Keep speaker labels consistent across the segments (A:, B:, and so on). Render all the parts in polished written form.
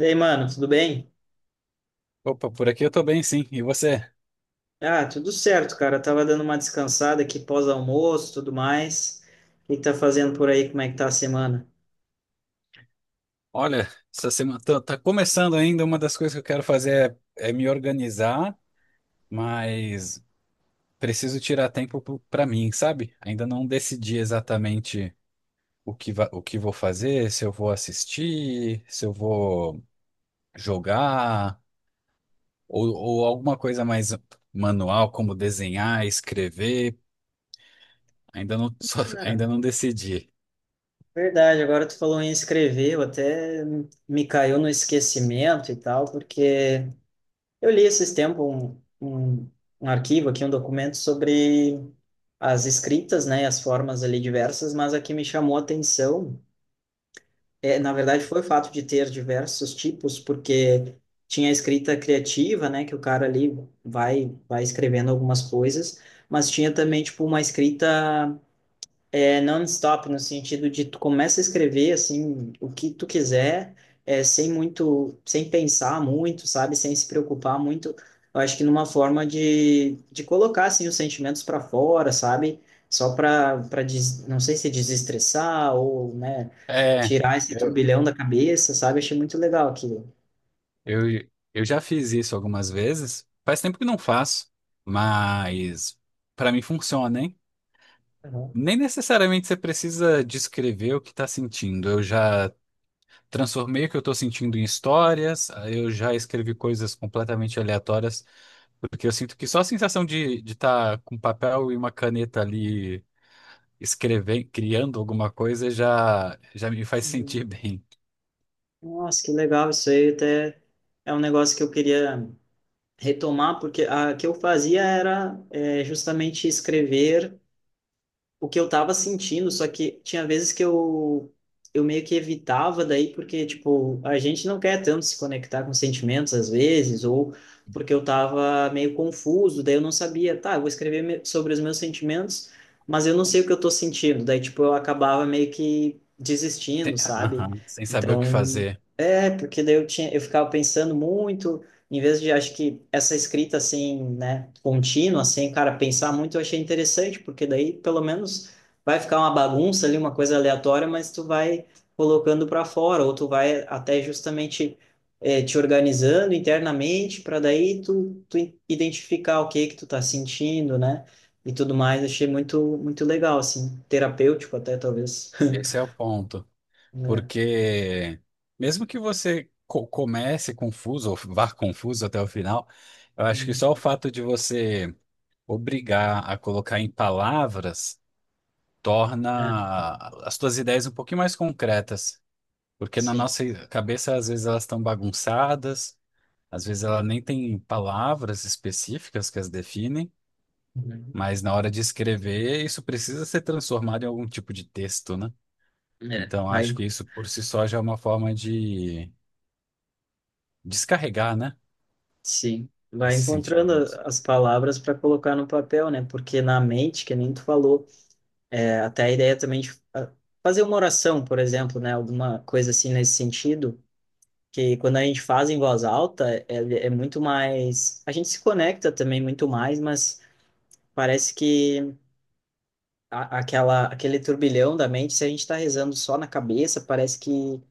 A: E aí, mano, tudo bem?
B: Opa, por aqui eu tô bem, sim. E você?
A: Ah, tudo certo, cara. Eu tava dando uma descansada aqui pós-almoço, tudo mais. O que que tá fazendo por aí? Como é que tá a semana?
B: Olha, essa semana tá começando ainda. Uma das coisas que eu quero fazer é me organizar, mas preciso tirar tempo pra mim, sabe? Ainda não decidi exatamente o o que vou fazer, se eu vou assistir, se eu vou jogar, ou alguma coisa mais manual, como desenhar, escrever. Ainda não,
A: Cara,
B: ainda não decidi.
A: verdade, agora tu falou em escrever, eu até me caiu no esquecimento e tal, porque eu li esses tempos um arquivo aqui, um documento sobre as escritas, né, e as formas ali diversas, mas a que me chamou a atenção. É, na verdade, foi o fato de ter diversos tipos, porque tinha a escrita criativa, né, que o cara ali vai escrevendo algumas coisas, mas tinha também tipo uma escrita é non-stop, no sentido de tu começa a escrever, assim, o que tu quiser, é, sem muito, sem pensar muito, sabe? Sem se preocupar muito. Eu acho que numa forma de colocar, assim, os sentimentos para fora, sabe? Só não sei se é desestressar ou, né,
B: É.
A: tirar esse turbilhão da cabeça, sabe? Achei muito legal aquilo.
B: Eu, eu já fiz isso algumas vezes. Faz tempo que não faço, mas para mim funciona, hein?
A: Aham.
B: Nem necessariamente você precisa descrever o que está sentindo. Eu já transformei o que eu estou sentindo em histórias, eu já escrevi coisas completamente aleatórias, porque eu sinto que só a sensação de estar com um papel e uma caneta ali escrevendo, criando alguma coisa já me faz
A: Uhum.
B: sentir bem.
A: Nossa, que legal isso aí, até é um negócio que eu queria retomar, porque a que eu fazia era é, justamente escrever o que eu estava sentindo, só que tinha vezes que eu meio que evitava daí, porque, tipo, a gente não quer tanto se conectar com sentimentos às vezes, ou porque eu estava meio confuso, daí eu não sabia, tá, eu vou escrever sobre os meus sentimentos, mas eu não sei o que eu estou sentindo, daí, tipo, eu acabava meio que desistindo, sabe?
B: Aham, sem saber o que
A: Então,
B: fazer.
A: é, porque daí eu tinha, eu ficava pensando muito, em vez de, acho que essa escrita assim, né, contínua, assim, cara, pensar muito, eu achei interessante, porque daí pelo menos vai ficar uma bagunça ali, uma coisa aleatória, mas tu vai colocando para fora, ou tu vai até justamente te organizando internamente, para daí tu identificar o que que tu tá sentindo, né, e tudo mais. Achei muito, muito legal, assim, terapêutico até, talvez.
B: Esse é o ponto.
A: É,
B: Porque mesmo que você comece confuso ou vá confuso até o final, eu acho que
A: hum,
B: só o fato de você obrigar a colocar em palavras
A: é,
B: torna as suas ideias um pouquinho mais concretas. Porque na
A: sim.
B: nossa cabeça, às vezes, elas estão bagunçadas, às vezes ela nem tem palavras específicas que as definem,
A: Uhum.
B: mas na hora de escrever, isso precisa ser transformado em algum tipo de texto, né?
A: É,
B: Então,
A: vai.
B: acho que isso por si só já é uma forma de descarregar, né?
A: Sim, vai
B: Esses
A: encontrando
B: sentimentos.
A: as palavras para colocar no papel, né? Porque na mente, que nem tu falou, é, até a ideia também de fazer uma oração, por exemplo, né? Alguma coisa assim nesse sentido, que quando a gente faz em voz alta, é, é muito mais. A gente se conecta também muito mais, mas parece que aquela, aquele turbilhão da mente, se a gente está rezando só na cabeça, parece que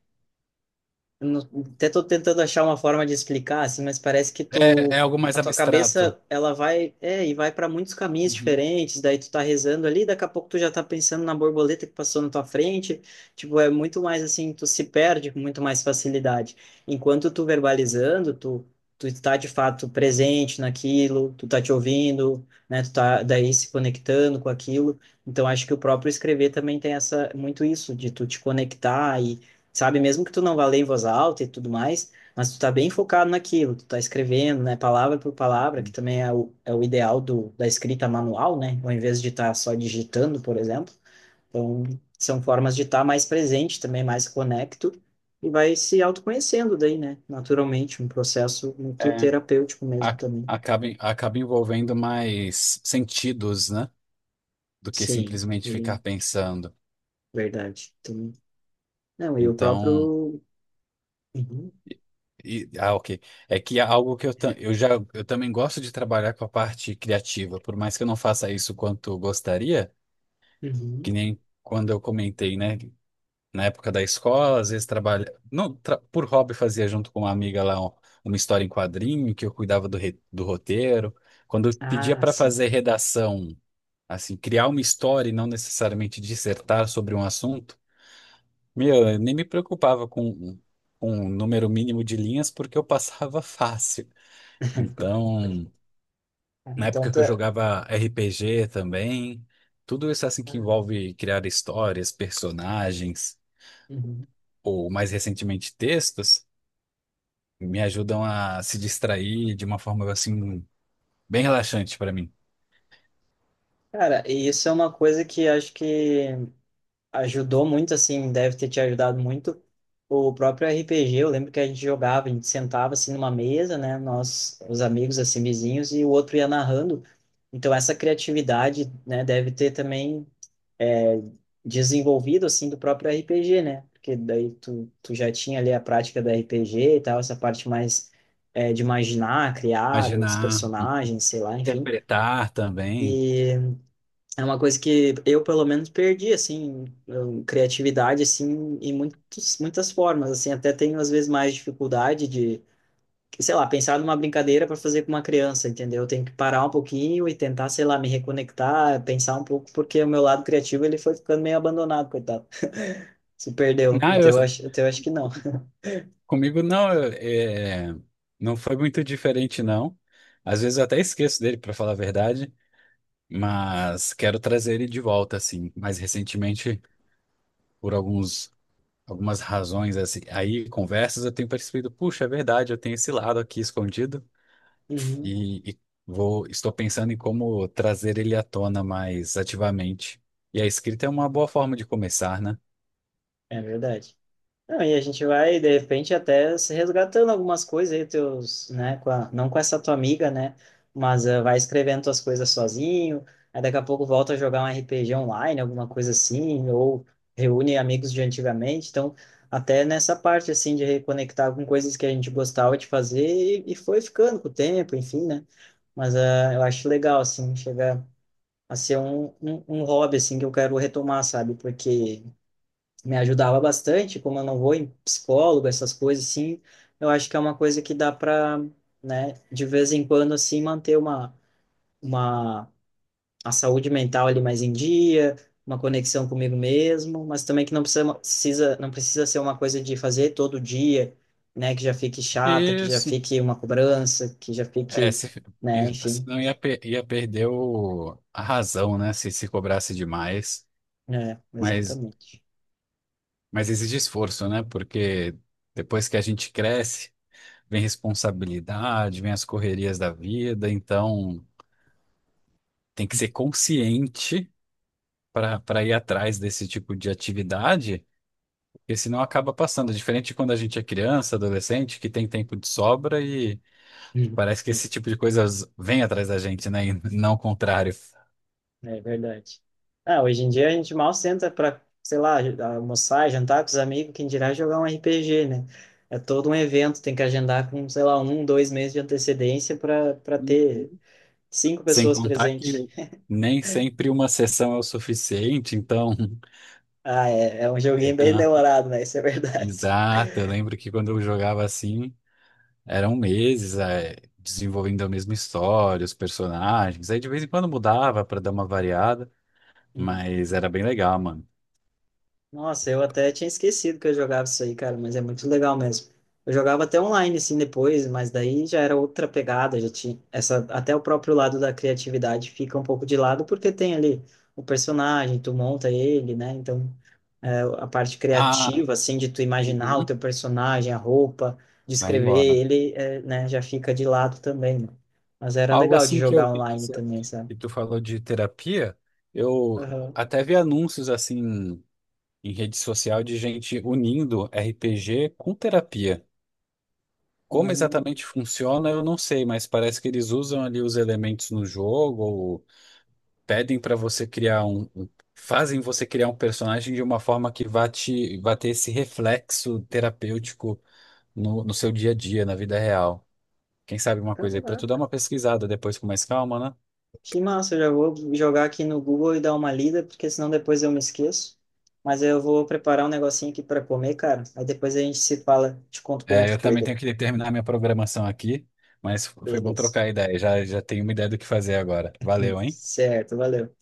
A: eu não- até tô tentando achar uma forma de explicar, assim, mas parece que
B: É,
A: tu,
B: é algo
A: a
B: mais
A: tua
B: abstrato.
A: cabeça, ela vai, é, e vai para muitos caminhos
B: Uhum.
A: diferentes, daí tu tá rezando ali, daqui a pouco tu já tá pensando na borboleta que passou na tua frente, tipo, é muito mais assim, tu se perde com muito mais facilidade. Enquanto tu verbalizando, tu está de fato presente naquilo, tu tá te ouvindo, né, tu tá daí se conectando com aquilo. Então acho que o próprio escrever também tem essa muito isso de tu te conectar e sabe? Mesmo que tu não vá ler em voz alta e tudo mais, mas tu tá bem focado naquilo, tu tá escrevendo, né? Palavra por palavra, que também é o ideal do, da escrita manual, né? Ao invés de estar só digitando, por exemplo. Então, são formas de estar mais presente também, mais conecto, e vai se autoconhecendo daí, né? Naturalmente, um processo muito
B: É,
A: terapêutico mesmo também.
B: acaba, acaba envolvendo mais sentidos, né? Do que
A: Sim,
B: simplesmente ficar
A: e-
B: pensando.
A: verdade. Também. Não, e o
B: Então,
A: próprio... Uhum,
B: ok. É que é algo que eu já eu também gosto de trabalhar com a parte criativa, por mais que eu não faça isso quanto gostaria, que
A: uhum.
B: nem quando eu comentei, né? Na época da escola, às vezes trabalha, não, tra- por hobby fazia junto com uma amiga lá uma história em quadrinho, que eu cuidava do roteiro. Quando eu pedia
A: Ah,
B: para
A: sim.
B: fazer redação, assim, criar uma história e não necessariamente dissertar sobre um assunto, meu, eu nem me com um número mínimo de linhas porque eu passava fácil. Então,
A: Ah,
B: na
A: então,
B: época que eu
A: tá...
B: jogava RPG também, tudo isso assim que
A: ah,
B: envolve criar histórias, personagens,
A: uhum.
B: ou mais recentemente textos, me ajudam a se distrair de uma forma assim bem relaxante para mim.
A: Cara, e isso é uma coisa que acho que ajudou muito, assim, deve ter te ajudado muito. O próprio RPG, eu lembro que a gente jogava, a gente sentava assim numa mesa, né? Nós, os amigos, assim, vizinhos, e o outro ia narrando. Então, essa criatividade, né, deve ter também é, desenvolvido, assim, do próprio RPG, né? Porque daí tu, já tinha ali a prática do RPG e tal, essa parte mais é, de imaginar, criar os
B: Imaginar,
A: personagens, sei lá, enfim.
B: interpretar também.
A: E é uma coisa que eu, pelo menos, perdi, assim, eu- criatividade, assim, em muitas formas, assim, até tenho, às vezes, mais dificuldade de, sei lá, pensar numa brincadeira para fazer com uma criança, entendeu? Eu tenho que parar um pouquinho e tentar, sei lá, me reconectar, pensar um pouco, porque o meu lado criativo, ele foi ficando meio abandonado, coitado. Se perdeu.
B: Ah, eu,
A: O teu acho que não.
B: comigo não, é, não foi muito diferente não. Às vezes eu até esqueço dele, para falar a verdade, mas quero trazer ele de volta assim. Mais recentemente, por alguns algumas razões assim, aí conversas eu tenho percebido, puxa, é verdade, eu tenho esse lado aqui escondido.
A: Uhum.
B: E vou, estou pensando em como trazer ele à tona mais ativamente. E a escrita é uma boa forma de começar, né?
A: É verdade. Não, e a gente vai, de repente, até se resgatando algumas coisas aí, teus, né, com não com essa tua amiga, né, mas vai escrevendo tuas coisas sozinho, aí daqui a pouco volta a jogar um RPG online, alguma coisa assim, ou reúne amigos de antigamente, então, até nessa parte, assim, de reconectar com coisas que a gente gostava de fazer e foi ficando com o tempo, enfim, né, mas eu acho legal, assim, chegar a ser um hobby, assim, que eu quero retomar, sabe, porque me ajudava bastante, como eu não vou em psicólogo, essas coisas assim, eu acho que é uma coisa que dá para, né, de vez em quando assim manter uma a saúde mental ali mais em dia, uma conexão comigo mesmo, mas também que não precisa não precisa ser uma coisa de fazer todo dia, né, que já fique chata, que já
B: Isso.
A: fique uma cobrança, que já
B: É,
A: fique,
B: se, e-
A: né, enfim,
B: Senão ia, ia perder a razão, né? Se se cobrasse demais.
A: é,
B: Mas,
A: exatamente.
B: mas exige esforço, né? Porque depois que a gente cresce, vem responsabilidade, vem as correrias da vida. Então, tem que ser consciente para ir atrás desse tipo de atividade. Porque senão acaba passando. Diferente de quando a gente é criança, adolescente, que tem tempo de sobra e
A: Digo.
B: parece que esse tipo de coisa vem atrás da gente, né? E não o contrário.
A: É verdade. Ah, hoje em dia a gente mal senta para, sei lá, almoçar, jantar com os amigos, quem dirá jogar um RPG, né? É todo um evento, tem que agendar com, sei lá, um, dois meses de antecedência para ter
B: Uhum.
A: cinco
B: Sem
A: pessoas
B: contar
A: presentes.
B: que nem sempre uma sessão é o suficiente, então.
A: Ah, é, é um
B: É.
A: joguinho bem
B: Ah,
A: demorado, né? Isso é verdade.
B: exato, eu lembro que quando eu jogava assim, eram meses, desenvolvendo a mesma história, os personagens. Aí de vez em quando mudava para dar uma variada,
A: Uhum.
B: mas era bem legal, mano.
A: Nossa, eu até tinha esquecido que eu jogava isso aí, cara, mas é muito legal mesmo. Eu jogava até online, assim, depois, mas daí já era outra pegada, já tinha essa, até o próprio lado da criatividade fica um pouco de lado, porque tem ali o personagem, tu monta ele, né? Então, é, a parte
B: Ah,
A: criativa, assim, de tu imaginar o
B: uhum.
A: teu personagem, a roupa,
B: Vai
A: descrever
B: embora.
A: ele, é, né, já fica de lado também, né? Mas era
B: Algo
A: legal de
B: assim que eu
A: jogar
B: vi que,
A: online
B: se-
A: também, sabe?
B: que tu falou de terapia, eu
A: Aham.
B: até vi anúncios assim em rede social de gente unindo RPG com terapia. Como
A: Hum.
B: exatamente funciona, eu não sei, mas parece que eles usam ali os elementos no jogo, ou pedem para você criar fazem você criar um personagem de uma forma que vá te, vá ter esse reflexo terapêutico no seu dia a dia, na vida real. Quem sabe uma coisa aí para tu dar uma pesquisada depois com mais calma, né?
A: Que massa, eu já vou jogar aqui no Google e dar uma lida, porque senão depois eu me esqueço. Mas eu vou preparar um negocinho aqui para comer, cara. Aí depois a gente se fala, te conto como
B: É,
A: que
B: eu
A: foi.
B: também
A: Daí.
B: tenho que terminar minha programação aqui, mas foi bom
A: Beleza.
B: trocar a ideia. Já, já tenho uma ideia do que fazer agora. Valeu, hein?
A: Certo, valeu.